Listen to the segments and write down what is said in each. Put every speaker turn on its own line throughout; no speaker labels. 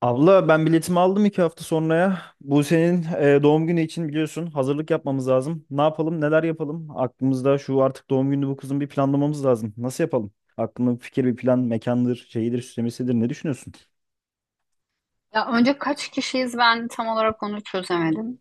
Abla ben biletimi aldım iki hafta sonraya. Bu senin doğum günü için biliyorsun hazırlık yapmamız lazım. Ne yapalım, neler yapalım? Aklımızda şu artık doğum günü bu kızın bir planlamamız lazım. Nasıl yapalım? Aklında bir fikir, bir plan, mekandır, şeyidir, süslemesidir. Ne düşünüyorsun?
Ya önce kaç kişiyiz ben tam olarak onu çözemedim.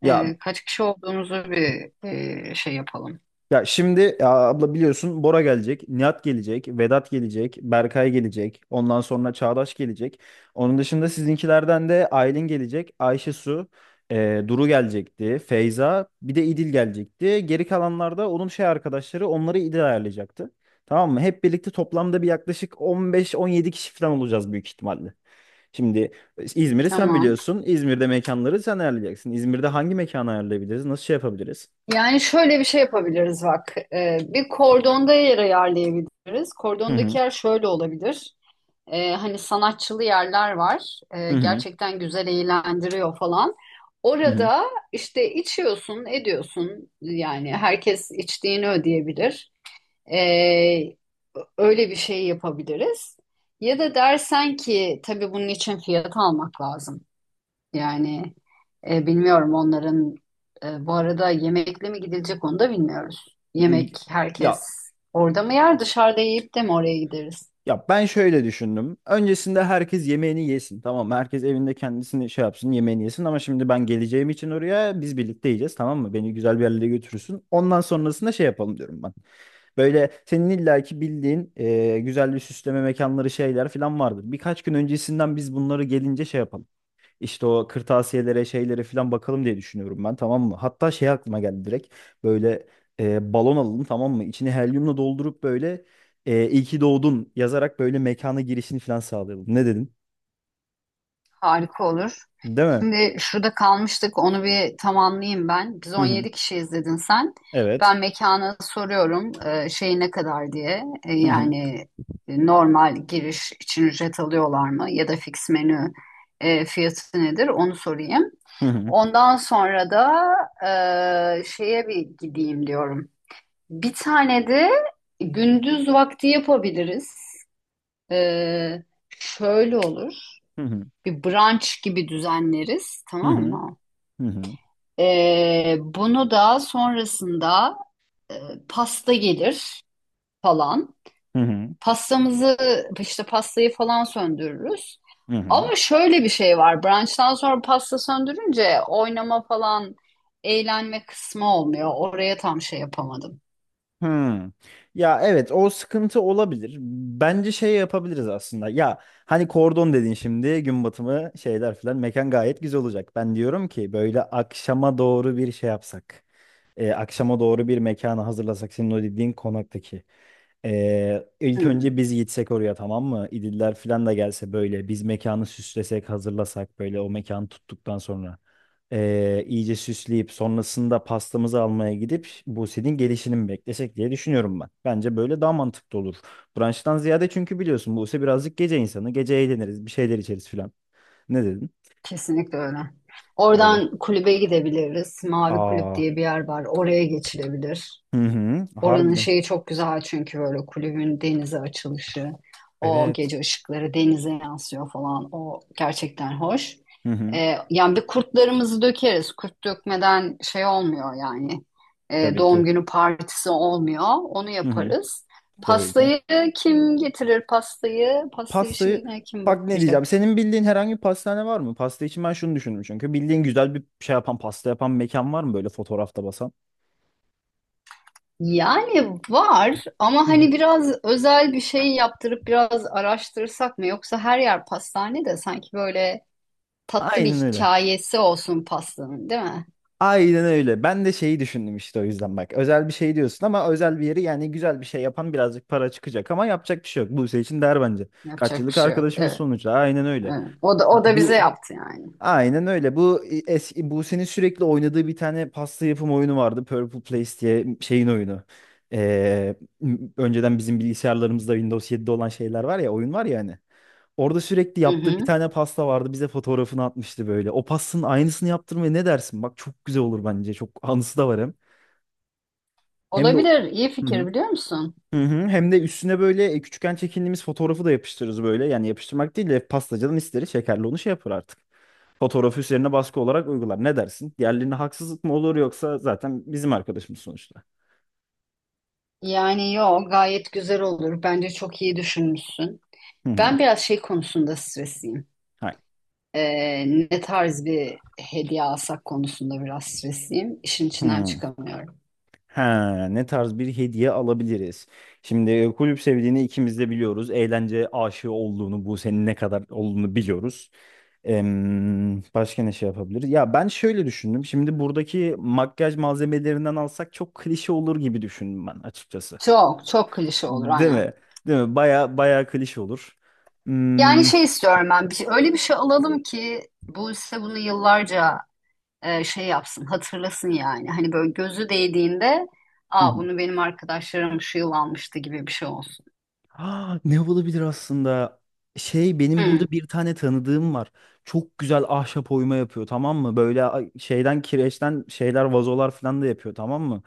Ya.
Kaç kişi olduğumuzu bir şey yapalım.
Şimdi ya abla biliyorsun Bora gelecek, Nihat gelecek, Vedat gelecek, Berkay gelecek, ondan sonra Çağdaş gelecek. Onun dışında sizinkilerden de Aylin gelecek, Ayşe Su, Duru gelecekti, Feyza, bir de İdil gelecekti. Geri kalanlar da onun şey arkadaşları onları İdil ayarlayacaktı. Tamam mı? Hep birlikte toplamda bir yaklaşık 15-17 kişi falan olacağız büyük ihtimalle. Şimdi İzmir'i sen
Tamam.
biliyorsun. İzmir'de mekanları sen ayarlayacaksın. İzmir'de hangi mekanı ayarlayabiliriz? Nasıl şey yapabiliriz?
Yani şöyle bir şey yapabiliriz bak. Bir kordonda yer ayarlayabiliriz.
Hı hı.
Kordondaki yer şöyle olabilir. Hani sanatçılı yerler var.
Hı hı.
Gerçekten güzel eğlendiriyor falan.
Hı hı.
Orada işte içiyorsun, ediyorsun. Yani herkes içtiğini ödeyebilir. Ee, Öyle bir şey yapabiliriz. Ya da dersen ki tabii bunun için fiyat almak lazım. Yani bilmiyorum onların bu arada yemekle mi gidilecek onu da bilmiyoruz. Yemek
Ya,
herkes orada mı yer dışarıda yiyip de mi oraya gideriz?
ben şöyle düşündüm. Öncesinde herkes yemeğini yesin. Tamam mı? Herkes evinde kendisini şey yapsın, yemeğini yesin ama şimdi ben geleceğim için oraya biz birlikte yiyeceğiz, tamam mı? Beni güzel bir yerlere götürürsün. Ondan sonrasında şey yapalım diyorum ben. Böyle senin illaki bildiğin güzel bir süsleme mekanları şeyler falan vardır. Birkaç gün öncesinden biz bunları gelince şey yapalım. İşte o kırtasiyelere şeylere falan bakalım diye düşünüyorum ben, tamam mı? Hatta şey aklıma geldi direkt böyle, balon alalım, tamam mı? İçini helyumla doldurup böyle iyi ki doğdun yazarak böyle mekana girişini falan sağlayalım. Ne dedin?
Harika olur.
Değil mi?
Şimdi şurada kalmıştık onu bir tamamlayayım ben. Biz
Hı
on
hı.
yedi kişi izledin sen.
Evet.
Ben mekana soruyorum, şey ne kadar diye. E,
Hı hı.
yani normal giriş için ücret alıyorlar mı ya da fix menü fiyatı nedir onu sorayım.
Hı hı.
Ondan sonra da şeye bir gideyim diyorum. Bir tane de gündüz vakti yapabiliriz. E, şöyle olur.
Hı hı.
Bir brunch gibi düzenleriz,
Hı
tamam
hı.
mı?
Hı hı.
Bunu da sonrasında e, pasta gelir falan.
Hı hı.
Pastamızı işte pastayı falan söndürürüz.
Hı hı.
Ama şöyle bir şey var. Brunch'tan sonra pasta söndürünce oynama falan eğlenme kısmı olmuyor. Oraya tam şey yapamadım.
Hmm. Ya evet, o sıkıntı olabilir. Bence şey yapabiliriz aslında. Ya hani kordon dedin, şimdi gün batımı şeyler filan mekan gayet güzel olacak. Ben diyorum ki böyle akşama doğru bir şey yapsak. Akşama doğru bir mekanı hazırlasak senin o dediğin konaktaki. İlk
Hmm,
önce biz gitsek oraya, tamam mı? İdiller falan da gelse böyle biz mekanı süslesek, hazırlasak böyle o mekanı tuttuktan sonra. İyice süsleyip sonrasında pastamızı almaya gidip Buse'nin gelişini mi beklesek diye düşünüyorum ben. Bence böyle daha mantıklı olur. Brunch'tan ziyade, çünkü biliyorsun Buse birazcık gece insanı. Gece eğleniriz, bir şeyler içeriz falan. Ne dedin?
kesinlikle öyle.
Öyle.
Oradan kulübe gidebiliriz. Mavi Kulüp
Aa.
diye bir yer var. Oraya geçilebilir.
Hı hı.
Oranın
Harbiden.
şeyi çok güzel çünkü böyle kulübün denize açılışı, o
Evet.
gece ışıkları denize yansıyor falan. O gerçekten hoş.
Hı hı.
Yani bir kurtlarımızı dökeriz. Kurt dökmeden şey olmuyor yani.
Tabii
Doğum
ki.
günü partisi olmuyor. Onu
Hı hı,
yaparız.
tabii ki.
Pastayı kim getirir? Pasta
Pastayı,
işine kim
bak ne diyeceğim.
bakacak?
Senin bildiğin herhangi bir pastane var mı? Pasta için ben şunu düşündüm çünkü. Bildiğin güzel bir şey yapan, pasta yapan mekan var mı böyle fotoğrafta basan?
Yani var ama
Hı hı.
hani biraz özel bir şey yaptırıp biraz araştırsak mı? Yoksa her yer pastane de sanki böyle tatlı bir
Aynen öyle.
hikayesi olsun pastanın, değil mi?
Aynen öyle. Ben de şeyi düşündüm işte, o yüzden bak. Özel bir şey diyorsun ama özel bir yeri yani güzel bir şey yapan birazcık para çıkacak ama yapacak bir şey yok. Buse için der bence. Kaç
Yapacak bir
yıllık
şey yok.
arkadaşımız
Evet,
sonuçta. Aynen öyle.
evet. O da bize
Bu.
yaptı yani.
Aynen öyle. Bu eski Buse'nin sürekli oynadığı bir tane pasta yapım oyunu vardı. Purple Place diye şeyin oyunu. Önceden bizim bilgisayarlarımızda Windows 7'de olan şeyler var ya, oyun var ya hani. Orada sürekli
Hı
yaptığı bir
hı.
tane pasta vardı. Bize fotoğrafını atmıştı böyle. O pastanın aynısını yaptırmaya ne dersin? Bak çok güzel olur bence. Çok anısı da var hem. Hem de
Olabilir. İyi
Hı hı.
fikir biliyor musun?
Hı hı. Hem de üstüne böyle küçükken çekindiğimiz fotoğrafı da yapıştırırız böyle. Yani yapıştırmak değil de pastacadan isteriz, şekerli onu şey yapar artık. Fotoğrafı üzerine baskı olarak uygular. Ne dersin? Diğerlerine haksızlık mı olur yoksa zaten bizim arkadaşımız sonuçta.
Yani yo gayet güzel olur. Bence çok iyi düşünmüşsün.
Hı hı.
Ben biraz şey konusunda stresliyim.
Hayır.
Ee, Ne tarz bir hediye alsak konusunda biraz stresliyim. İşin içinden
Hı.
çıkamıyorum.
Ha, ne tarz bir hediye alabiliriz? Şimdi kulüp sevdiğini ikimiz de biliyoruz. Eğlence aşığı olduğunu, bu senin ne kadar olduğunu biliyoruz. Başka ne şey yapabiliriz? Ya ben şöyle düşündüm. Şimdi buradaki makyaj malzemelerinden alsak çok klişe olur gibi düşündüm ben açıkçası.
Çok çok klişe olur
Değil mi?
aynen.
Değil mi? Baya baya klişe olur.
Yani
Hmm.
şey istiyorum ben. Bir, şey, öyle bir şey alalım ki bu ise bunu yıllarca şey yapsın, hatırlasın yani. Hani böyle gözü değdiğinde, aa bunu benim arkadaşlarım şu yıl almıştı gibi bir şey olsun.
Ah, ne olabilir aslında? Şey benim
Hı,
burada bir tane tanıdığım var. Çok güzel ahşap oyma yapıyor, tamam mı? Böyle şeyden kireçten şeyler vazolar falan da yapıyor, tamam mı?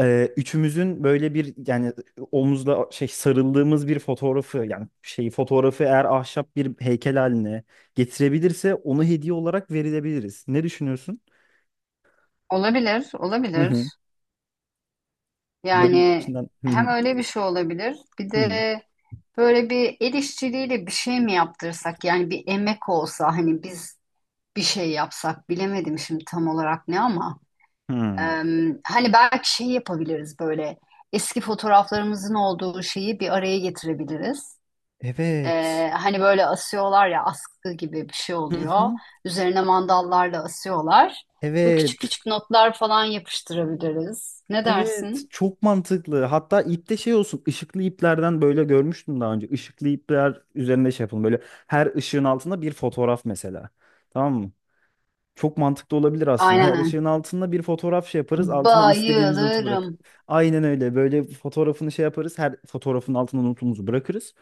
Üçümüzün böyle bir yani omuzda şey sarıldığımız bir fotoğrafı yani şeyi fotoğrafı eğer ahşap bir heykel haline getirebilirse onu hediye olarak verilebiliriz. Ne düşünüyorsun?
olabilir,
Hı
olabilir.
hı. Böyle
Yani
içinden. Hı
hem
hı.
öyle bir şey olabilir, bir
Hı
de
hı.
böyle bir el işçiliğiyle bir şey mi yaptırsak? Yani bir emek olsa hani biz bir şey yapsak, bilemedim şimdi tam olarak ne ama. e,
Hı.
Hani belki şey yapabiliriz böyle. Eski fotoğraflarımızın olduğu şeyi bir araya getirebiliriz.
Evet.
Hani böyle asıyorlar ya askı gibi bir şey
Hı
oluyor.
hı.
Üzerine mandallarla asıyorlar. Böyle küçük
Evet.
küçük notlar falan yapıştırabiliriz. Ne
Evet,
dersin?
çok mantıklı. Hatta ipte şey olsun, ışıklı iplerden böyle görmüştüm daha önce. Işıklı ipler üzerinde şey yapalım. Böyle her ışığın altında bir fotoğraf mesela. Tamam mı? Çok mantıklı olabilir aslında. Her
Aynen.
ışığın altında bir fotoğraf şey yaparız. Altına istediğimiz notu bırak.
Bayılırım.
Aynen öyle. Böyle fotoğrafını şey yaparız. Her fotoğrafın altına notumuzu bırakırız.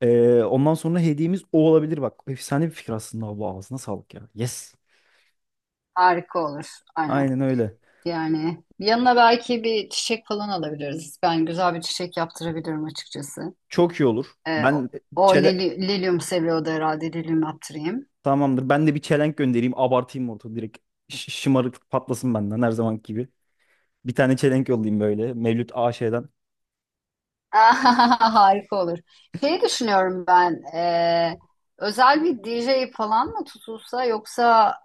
Ondan sonra hediyemiz o olabilir. Bak, efsane bir fikir aslında. Bu ağzına sağlık ya. Yes.
Harika olur. Aynen.
Aynen öyle.
Yani yanına belki bir çiçek falan alabiliriz. Ben güzel bir çiçek yaptırabilirim açıkçası.
Çok iyi olur. Ben
O
çele
lilyum seviyordu herhalde. Lilyum yaptırayım.
Tamamdır. Ben de bir çelenk göndereyim. Abartayım ortalığı direkt. Şımarıklık patlasın benden her zamanki gibi. Bir tane çelenk yollayayım böyle. Mevlüt AŞ'den.
Harika olur. Şeyi düşünüyorum ben. Özel bir DJ falan mı tutulsa yoksa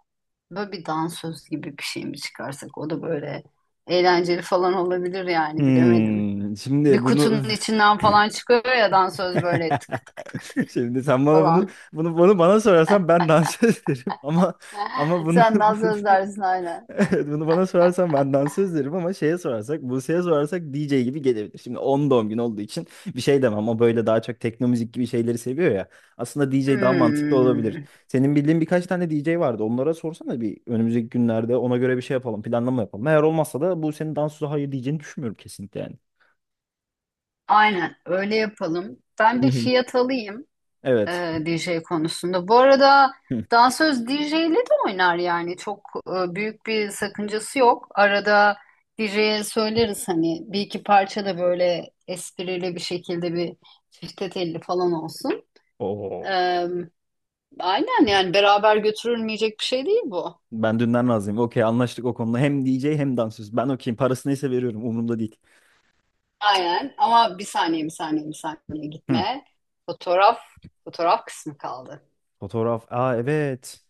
böyle bir dansöz gibi bir şey mi çıkarsak? O da böyle eğlenceli falan olabilir yani bilemedim.
Hmm,
Bir
şimdi
kutunun
bunu.
içinden falan çıkıyor ya dansöz böyle tık tık tık tık
Şimdi sen bana bunu
falan.
bunu bunu bana sorarsan ben dans ederim ama ama bunu.
Sen dansöz dersin aynen.
Evet, bunu bana sorarsan ben dansöz derim ama şeye sorarsak, Buse'ye sorarsak DJ gibi gelebilir. Şimdi 10 doğum günü olduğu için bir şey demem. O böyle daha çok tekno müzik gibi şeyleri seviyor ya. Aslında DJ daha mantıklı olabilir.
Hmm,
Senin bildiğin birkaç tane DJ vardı. Onlara sorsana bir, önümüzdeki günlerde ona göre bir şey yapalım, planlama yapalım. Eğer olmazsa da Buse'nin dansöze hayır diyeceğini düşünmüyorum kesinlikle yani.
aynen öyle yapalım. Ben
Hı
bir
hı.
fiyat alayım
Evet.
DJ konusunda. Bu arada
Hı.
dansöz DJ'li de oynar yani çok büyük bir sakıncası yok. Arada DJ'ye söyleriz hani bir iki parça da böyle esprili bir şekilde bir çifte telli falan olsun.
Oo.
E, aynen yani beraber götürülmeyecek bir şey değil bu.
Ben dünden razıyım. Okey, anlaştık o konuda. Hem DJ hem dansöz. Ben okeyim. Parası neyse veriyorum. Umurumda değil.
Aynen ama bir saniye bir saniye bir saniye
Hı.
gitme. Fotoğraf Fotoğraf kısmı kaldı.
Fotoğraf. Aa evet.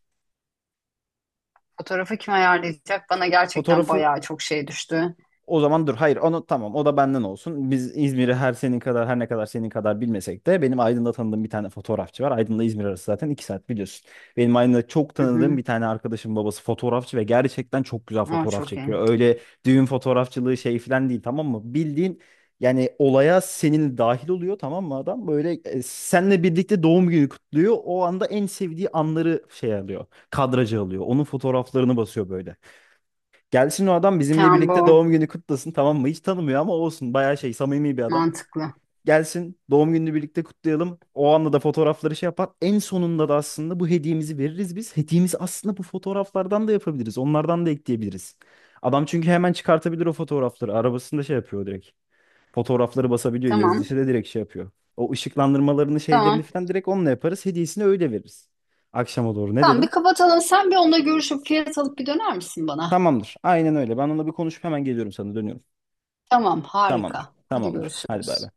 Fotoğrafı kim ayarlayacak? Bana gerçekten
Fotoğrafı.
bayağı çok şey düştü.
O zaman dur, hayır onu tamam o da benden olsun. Biz İzmir'i her ne kadar senin kadar bilmesek de benim Aydın'da tanıdığım bir tane fotoğrafçı var. Aydın'la İzmir arası zaten iki saat biliyorsun. Benim Aydın'da çok
Hı
tanıdığım
hı.
bir tane arkadaşım babası fotoğrafçı ve gerçekten çok güzel
O
fotoğraf
çok iyi.
çekiyor. Öyle düğün fotoğrafçılığı şey falan değil tamam mı? Bildiğin yani olaya senin dahil oluyor, tamam mı adam? Böyle seninle birlikte doğum günü kutluyor. O anda en sevdiği anları şey alıyor. Kadraja alıyor. Onun fotoğraflarını basıyor böyle. Gelsin o adam bizimle
Tamam
birlikte
bu
doğum günü kutlasın, tamam mı? Hiç tanımıyor ama olsun, bayağı şey samimi bir adam.
mantıklı.
Gelsin doğum gününü birlikte kutlayalım. O anda da fotoğrafları şey yapar. En sonunda da aslında bu hediyemizi veririz biz. Hediyemizi aslında bu fotoğraflardan da yapabiliriz. Onlardan da ekleyebiliriz. Adam çünkü hemen çıkartabilir o fotoğrafları. Arabasında şey yapıyor direkt. Fotoğrafları basabiliyor.
Tamam.
Yazıcısı da direkt şey yapıyor. O ışıklandırmalarını şeylerini
Tamam.
falan direkt onunla yaparız. Hediyesini öyle veririz. Akşama doğru ne
Tamam bir
dedin?
kapatalım. Sen bir onunla görüşüp fiyat alıp bir döner misin bana?
Tamamdır. Aynen öyle. Ben onunla bir konuşup hemen geliyorum, sana dönüyorum.
Tamam
Tamamdır.
harika. Hadi
Tamamdır. Hadi bay
görüşürüz.
bay.